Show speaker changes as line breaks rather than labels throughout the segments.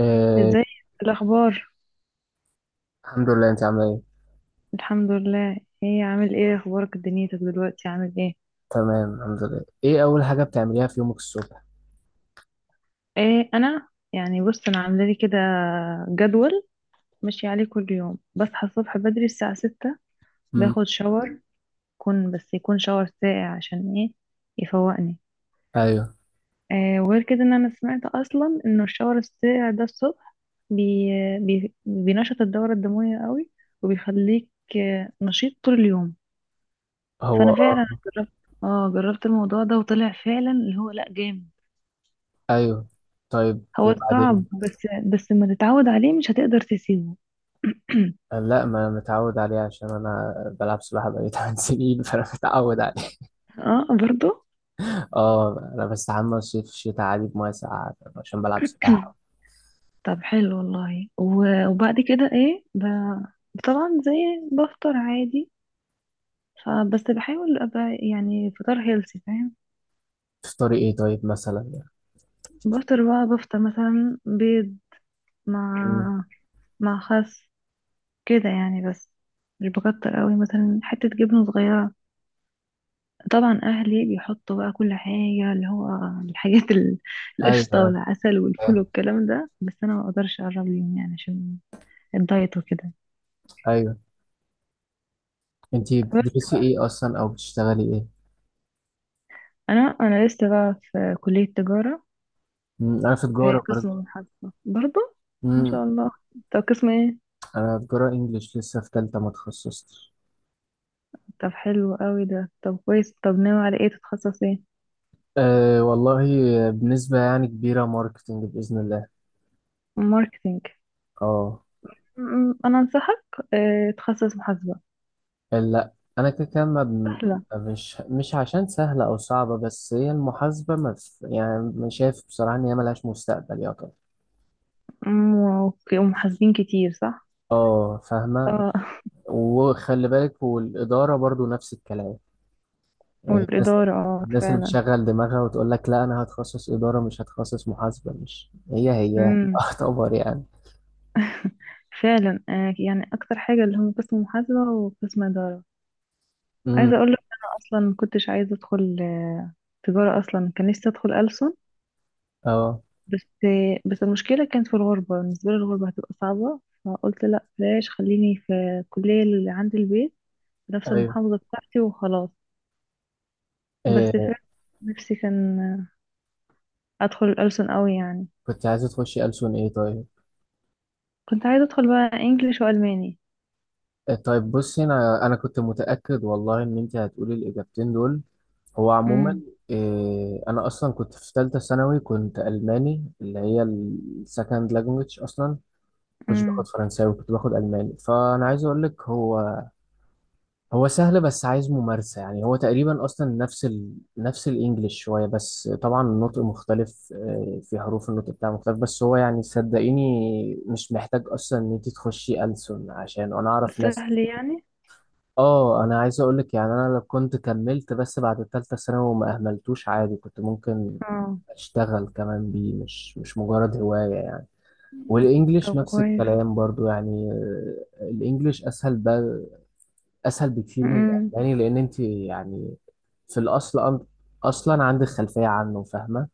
آه،
ازاي الاخبار؟
الحمد لله، انت عامله ايه؟
الحمد لله. ايه عامل ايه؟ اخبارك دنيتك دلوقتي عامل ايه؟
تمام الحمد لله. ايه اول حاجه بتعمليها في يومك الصبح؟
ايه، انا يعني بص انا عامله لي كده جدول ماشي عليه كل يوم، بصحى الصبح بدري الساعه 6،
امم.
باخد شاور، يكون يكون شاور ساقع، عشان ايه؟ يفوقني.
ايوه.
إيه وغير كده، ان انا سمعت اصلا ان الشاور الساقع ده الصبح بي بي بينشط الدوره الدمويه قوي، وبيخليك نشيط طول اليوم.
هو
فانا
اه.
فعلا جربت، اه جربت الموضوع ده، وطلع فعلا اللي هو لا، جامد.
ايوه، طيب
هو صعب،
وبعدين؟
بس لما تتعود عليه مش هتقدر تسيبه.
آه، لا، ما انا متعود عليه عشان انا بلعب سباحه بقالي 8 سنين فانا متعود عليه.
اه برضو.
اه انا بستحمى الصيف الشتاء عادي بميه ساقعه عشان بلعب سباحه.
طب حلو والله، وبعد كده ايه، طبعا زي، بفطر عادي، فبس بحاول ابقى يعني فطار هيلثي، فاهم؟
تفطري ايه طيب مثلا؟
بفطر بقى، بفطر مثلا بيض
امم.
مع، مع خس، كده يعني. بس مش بكتر قوي، مثلا حتة جبنة صغيرة. طبعا اهلي بيحطوا بقى كل حاجه، اللي هو الحاجات ال- القشطه
ايوه
والعسل والفول والكلام ده، بس انا ما اقدرش اقرب ليهم يعني عشان الدايت وكده.
ايوه. انت
بس
بتدرسي ايه اصلا او بتشتغلي ايه؟
انا، لسه بقى في كليه تجاره،
امم، انا في
في
تجاره برضه.
قسم محاسبه برضه. ما
امم.
شاء الله. طب قسم ايه؟
انا تجاره انجليش، لسه في ثالثه ما تخصصتش.
طب حلو قوي ده، طب كويس. طب ناوي على ايه، تتخصص ايه؟
أه والله، بنسبة يعني كبيرة ماركتينج بإذن الله.
ماركتينج.
اه.
انا انصحك تخصص محاسبه،
لا، أنا كده كده ما بن-
سهله.
مش عشان سهلة أو صعبة، بس هي المحاسبة ما ف- يعني مش شايف بصراحة إن هي ملهاش مستقبل يا طب.
ومحاسبين كتير صح؟
اه، فاهمة.
اه.
وخلي بالك، والإدارة برضو نفس الكلام. يعني الناس
والاداره اه
الناس اللي
فعلا.
بتشغل دماغها وتقول لك لا أنا هتخصص إدارة مش هتخصص محاسبة، مش هي هي
مم.
أعتبر يعني.
فعلا. يعني اكتر حاجه اللي هم قسم محاسبه وقسم اداره. عايزه
امم.
اقول لك انا اصلا ما كنتش عايزه ادخل تجاره اصلا، كان نفسي ادخل ألسن.
اه.
بس المشكله كانت في الغربه، بالنسبه لي الغربه هتبقى صعبه. فقلت لا بلاش، خليني في الكليه اللي عند البيت، في نفس
أيوه.
المحافظه بتاعتي، وخلاص. بس
أه.
فعلا نفسي كان ادخل الألسن قوي يعني.
كنت عايزة تخشي ألسن إيه طيب؟
كنت عايزه ادخل بقى انجليش والماني.
طيب بصي، انا كنت متاكد والله ان انت هتقولي الاجابتين دول. هو عموما
امم.
إيه، انا اصلا كنت في ثالثه ثانوي كنت الماني، اللي هي السكند لانجوج اصلا. كنتش
امم.
باخد فرنساوي، كنت باخد الماني، فانا عايز اقول لك هو هو سهل، بس عايز ممارسه، يعني هو تقريبا اصلا نفس نفس الانجليش شويه، بس طبعا النطق مختلف إيه، في حروف النطق بتاعه مختلف. بس هو يعني صدقيني، مش محتاج اصلا ان انت تخشي ألسن عشان انا اعرف ناس.
سهل يعني.
اه انا عايز اقول لك يعني انا لو كنت كملت بس بعد الثالثه ثانوي وما اهملتوش عادي كنت ممكن
اه.
اشتغل كمان بيه، مش مجرد هوايه يعني. والانجليش
طب
نفس
كويس.
الكلام برضو يعني، الانجليش اسهل بقى. اسهل بكتير من الالماني، لان انت يعني في الاصل اصلا عندك خلفيه عنه، فاهمه؟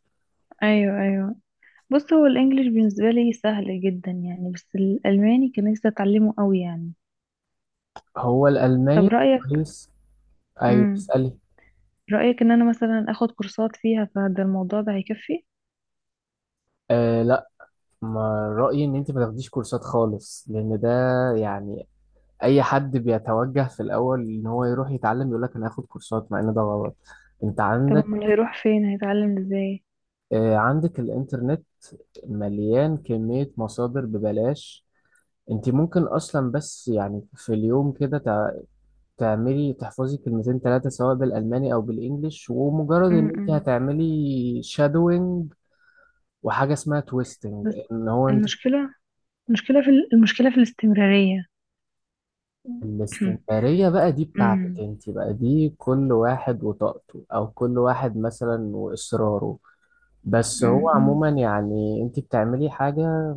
ايوه ايوه، بص هو الانجليش بالنسبه لي سهل جدا يعني، بس الالماني كان نفسي اتعلمه قوي يعني.
هو
طب
الالماني
رايك؟
كويس. ايوه
امم.
اسالي.
رايك ان انا مثلا اخد كورسات فيها، فده الموضوع ده هيكفي؟
آه، لا، ما رايي ان انت ما تاخديش كورسات خالص، لان ده يعني اي حد بيتوجه في الاول ان هو يروح يتعلم يقول لك انا هاخد كورسات، مع ان ده غلط. انت
طب
عندك،
امال هيروح فين، هيتعلم ازاي؟
عندك الانترنت مليان كمية مصادر ببلاش. انت ممكن اصلا، بس يعني في اليوم كده تعملي تحفظي كلمتين ثلاثة سواء بالالماني او بالانجليش، ومجرد ان انت
امم.
هتعملي شادوينج وحاجة اسمها تويستنج
بس
ان هو انت
المشكله المشكله في الاستمراريه.
الاستمرارية بقى دي بتاعتك
امم.
انت بقى، دي كل واحد وطاقته، او كل واحد مثلا واصراره. بس هو
امم.
عموما يعني انت بتعملي حاجة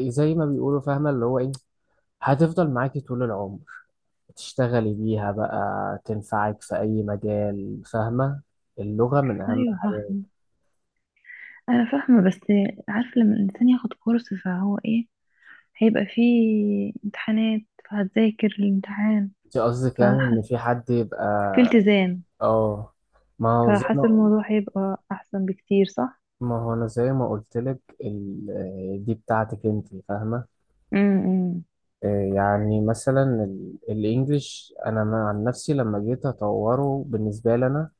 زي ما بيقولوا، فاهمة اللي هو ايه؟ هتفضل معاكي طول العمر، تشتغلي بيها بقى، تنفعك في اي مجال، فاهمة؟ اللغة من اهم
ايوه
الحاجات.
فاهمه، انا فاهمه، بس عارف لما الانسان ياخد كورس فهو ايه، هيبقى فيه امتحانات، فهتذاكر الامتحان،
انت قصدك يعني ان
فحاسه
في حد يبقى؟
في التزام،
اه. ما هو زي
فحاسة
ما
الموضوع هيبقى أحسن بكتير صح؟
ما هو انا زي ما قلت لك دي بتاعتك انت، فاهمة؟
امم.
يعني مثلا الانجليش، انا عن نفسي لما جيت اطوره، بالنسبة لي انا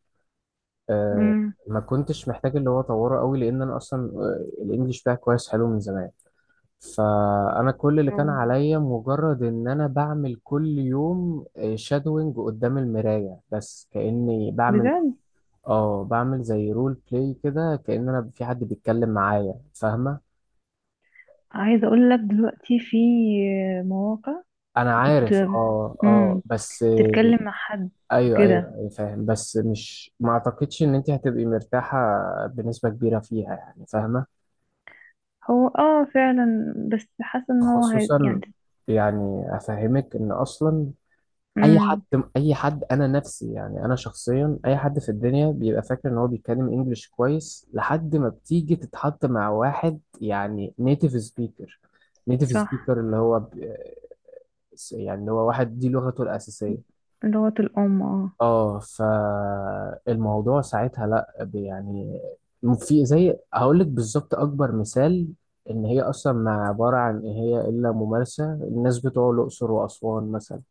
آه،
امم.
ما كنتش محتاج اللي هو اطوره قوي، لان انا اصلا الانجليش بتاعي كويس حلو من زمان. فانا كل اللي كان
أوه.
عليا مجرد ان انا بعمل كل يوم شادوينج قدام المرايه، بس كاني بعمل،
بجد؟
اه، بعمل زي رول بلاي كده، كان انا في حد بيتكلم معايا، فاهمه.
عايزة أقول لك دلوقتي في مواقع
انا
بت...
عارف. اه اه.
امم،
بس
تتكلم مع حد
ايوه
وكده.
ايوه أيوة، فاهم، بس مش ما اعتقدش ان انت هتبقي مرتاحه بنسبه كبيره فيها يعني، فاهمه؟
هو اه فعلا، بس حاسة ان هو هي، يعني،
خصوصا يعني افهمك ان اصلا اي حد
امم.
اي حد انا نفسي، يعني انا شخصيا اي حد في الدنيا بيبقى فاكر ان هو بيتكلم انجليش كويس لحد ما بتيجي تتحط مع واحد يعني نيتيف سبيكر. نيتيف
صح.
سبيكر اللي هو يعني اللي هو واحد دي لغته الاساسيه.
لغة الأم اه.
اه، فالموضوع ساعتها لا يعني، في زي هقول لك بالظبط اكبر مثال، ان هي اصلا ما عباره عن ايه هي الا ممارسه. الناس بتوع الاقصر واسوان مثلا،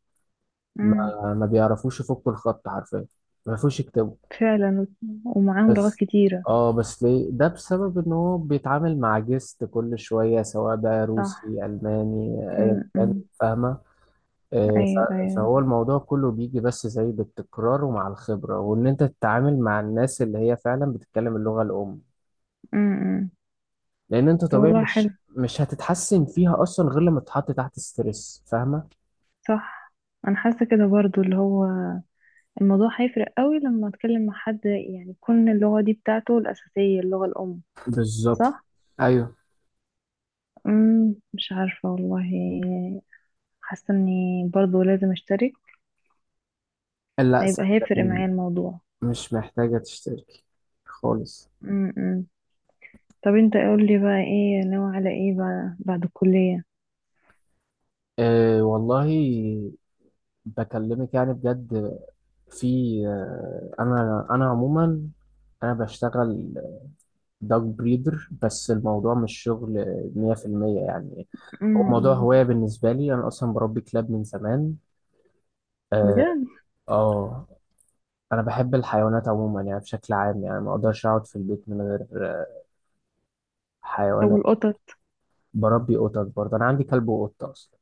امم.
ما بيعرفوش يفكوا الخط حرفيا، ما بيعرفوش يكتبوا.
فعلا، ومعاهم لغات
بس
كتيرة.
اه، بس ليه ده؟ بسبب ان هو بيتعامل مع جست كل شويه سواء بقى
صح.
روسي الماني ايا كان،
امم.
فاهمه؟
أيوه أيوه.
فهو الموضوع كله بيجي بس زي بالتكرار، ومع الخبرة، وإن أنت تتعامل مع الناس اللي هي فعلا بتتكلم اللغة الأم.
امم.
لأن أنت
طب
طبيعي
والله حلو.
مش هتتحسن فيها أصلا غير لما تتحط تحت ستريس، فاهمة؟
صح. أنا حاسة كده برضو، اللي هو الموضوع هيفرق قوي لما اتكلم مع حد يعني يكون اللغة دي بتاعته الأساسية، اللغة الأم.
بالظبط.
صح؟
ايوه.
امم. مش عارفة والله، حاسة اني برضو لازم اشترك،
لا
هيبقى هيفرق
صدقني،
معايا الموضوع.
مش محتاجة تشتركي خالص.
امم. طب انت قول لي بقى، ايه ناوي على ايه بقى بعد الكلية؟
أه والله، بكلمك يعني بجد، في، أه، أنا عموما أنا بشتغل دوج بريدر، بس الموضوع مش شغل 100% يعني. هو موضوع
امم.
هواية بالنسبة لي، أنا أصلا بربي كلاب من زمان. آه,
بجد.
آه أنا بحب الحيوانات عموما يعني بشكل عام، يعني ما أقدرش أقعد في البيت من غير
طب
حيوانات.
والقطط؟
بربي قطط برضه، أنا عندي كلب وقطة أصلا.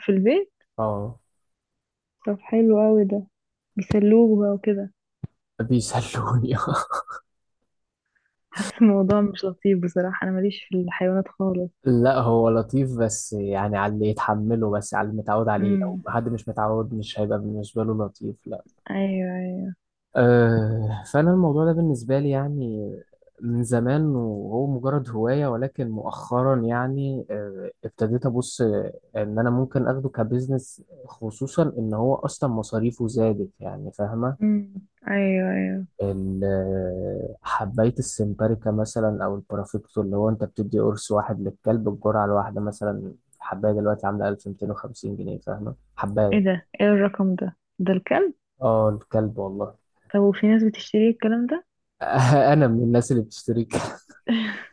في البيت؟
آه.
طب حلو قوي ده، بيسلوك بقى وكده.
بيسلوني
حاسة الموضوع مش لطيف بصراحة، انا ماليش في الحيوانات خالص.
لا، هو لطيف، بس يعني على اللي يتحمله، بس على اللي متعود عليه، لو
امم.
حد مش متعود مش هيبقى بالنسبة له لطيف، لا.
ايوه.
فأنا الموضوع ده بالنسبة لي يعني من زمان وهو مجرد هواية، ولكن مؤخرا يعني ابتديت أبص إن أنا ممكن أخده كبزنس، خصوصا إن هو أصلا مصاريفه زادت يعني، فاهمة؟
امم. ايوه ايوه.
حباية السمباريكا مثلا أو البرافيكتو، اللي هو أنت بتدي قرص واحد للكلب، الجرعة الواحدة مثلا. حباية دلوقتي عاملة 1250 جنيه، فاهمة
ايه
حباية؟
ده، ايه الرقم ده؟ ده الكلب؟
اه، الكلب والله.
طب وفي ناس بتشتري الكلام ده؟
انا من الناس اللي بتشتري.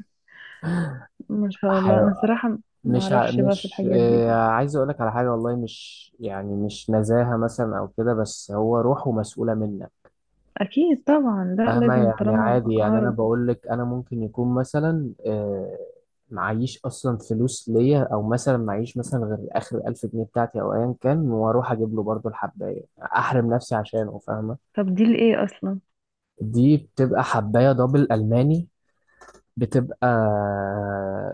ما شاء الله، انا صراحة ما
مش ع...
اعرفش بقى في
مش
الحاجات دي،
آه عايز اقول لك على حاجه والله، مش يعني مش نزاهه مثلا او كده، بس هو روحه مسؤوله منك،
اكيد طبعا، لا
فاهمه؟
لازم
يعني
طالما
عادي يعني انا
اعرف.
بقول لك، انا ممكن يكون مثلا معيش اصلا فلوس ليا، او مثلا معيش مثلا غير اخر 1000 جنيه بتاعتي او ايا كان، واروح اجيب له برضه الحبايه احرم نفسي عشانه، فاهمه؟
طب دي لايه اصلا؟
دي بتبقى حبايه دبل الماني، بتبقى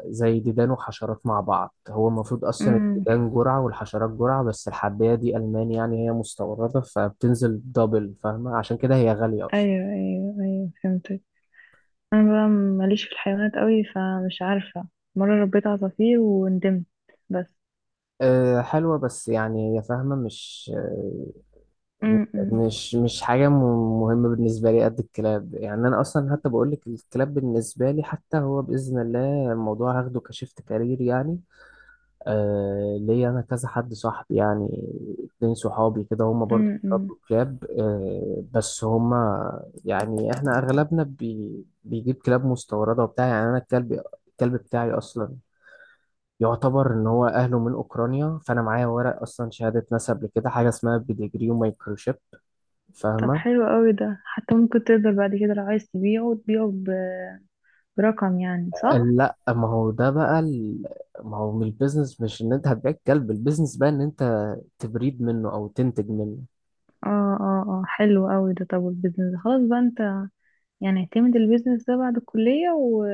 زي ديدان وحشرات مع بعض. هو المفروض أصلا
امم.
الديدان جرعة والحشرات جرعة، بس الحباية دي ألمان يعني هي مستوردة فبتنزل دبل، فاهمة؟ عشان كده هي غالية أصلا.
ايوه ايوه ايوه فهمتك. انا بقى ماليش في الحيوانات قوي، فمش عارفة. مرة ربيت عصافير وندمت بس.
أه حلوة، بس يعني هي فاهمة مش آه،
امم.
مش مش حاجة مهمة بالنسبة لي قد الكلاب. يعني أنا أصلا حتى بقول لك الكلاب بالنسبة لي، حتى هو بإذن الله الموضوع هاخده كشيفت كارير يعني. آه ليا انا كذا حد صاحبي، يعني اتنين صحابي كده هم برضو
امم.
بيربوا كلاب. آه بس هم يعني احنا اغلبنا بيجيب كلاب مستورده وبتاع. يعني انا الكلب، الكلب بتاعي اصلا يعتبر ان هو اهله من اوكرانيا، فانا معايا ورق اصلا، شهاده نسب لكده، حاجه اسمها بيديجري ومايكروشيب،
طب
فاهمه.
حلو قوي ده، حتى ممكن تقدر بعد كده لو عايز تبيعه، تبيعه برقم يعني،
قال
صح؟
لا، ما هو ده بقى ما هو من البيزنس، مش ان انت هتبيع الكلب، البيزنس بقى ان انت تبريد منه او تنتج منه.
اه اه. اه حلو قوي ده. طب البيزنس خلاص بقى، انت يعني اعتمد البيزنس ده بعد الكلية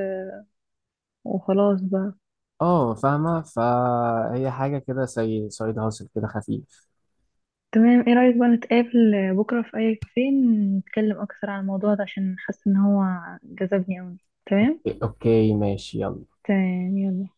وخلاص بقى.
اه فاهمة. فهي حاجة كده زي سايد هاسل كده خفيف.
تمام. ايه رأيك بقى نتقابل بكرة في اي كافيه، نتكلم اكثر عن الموضوع ده، عشان حاسة ان هو جذبني قوي. تمام.
إيه، اوكي ماشي يلا.
تمام يلا.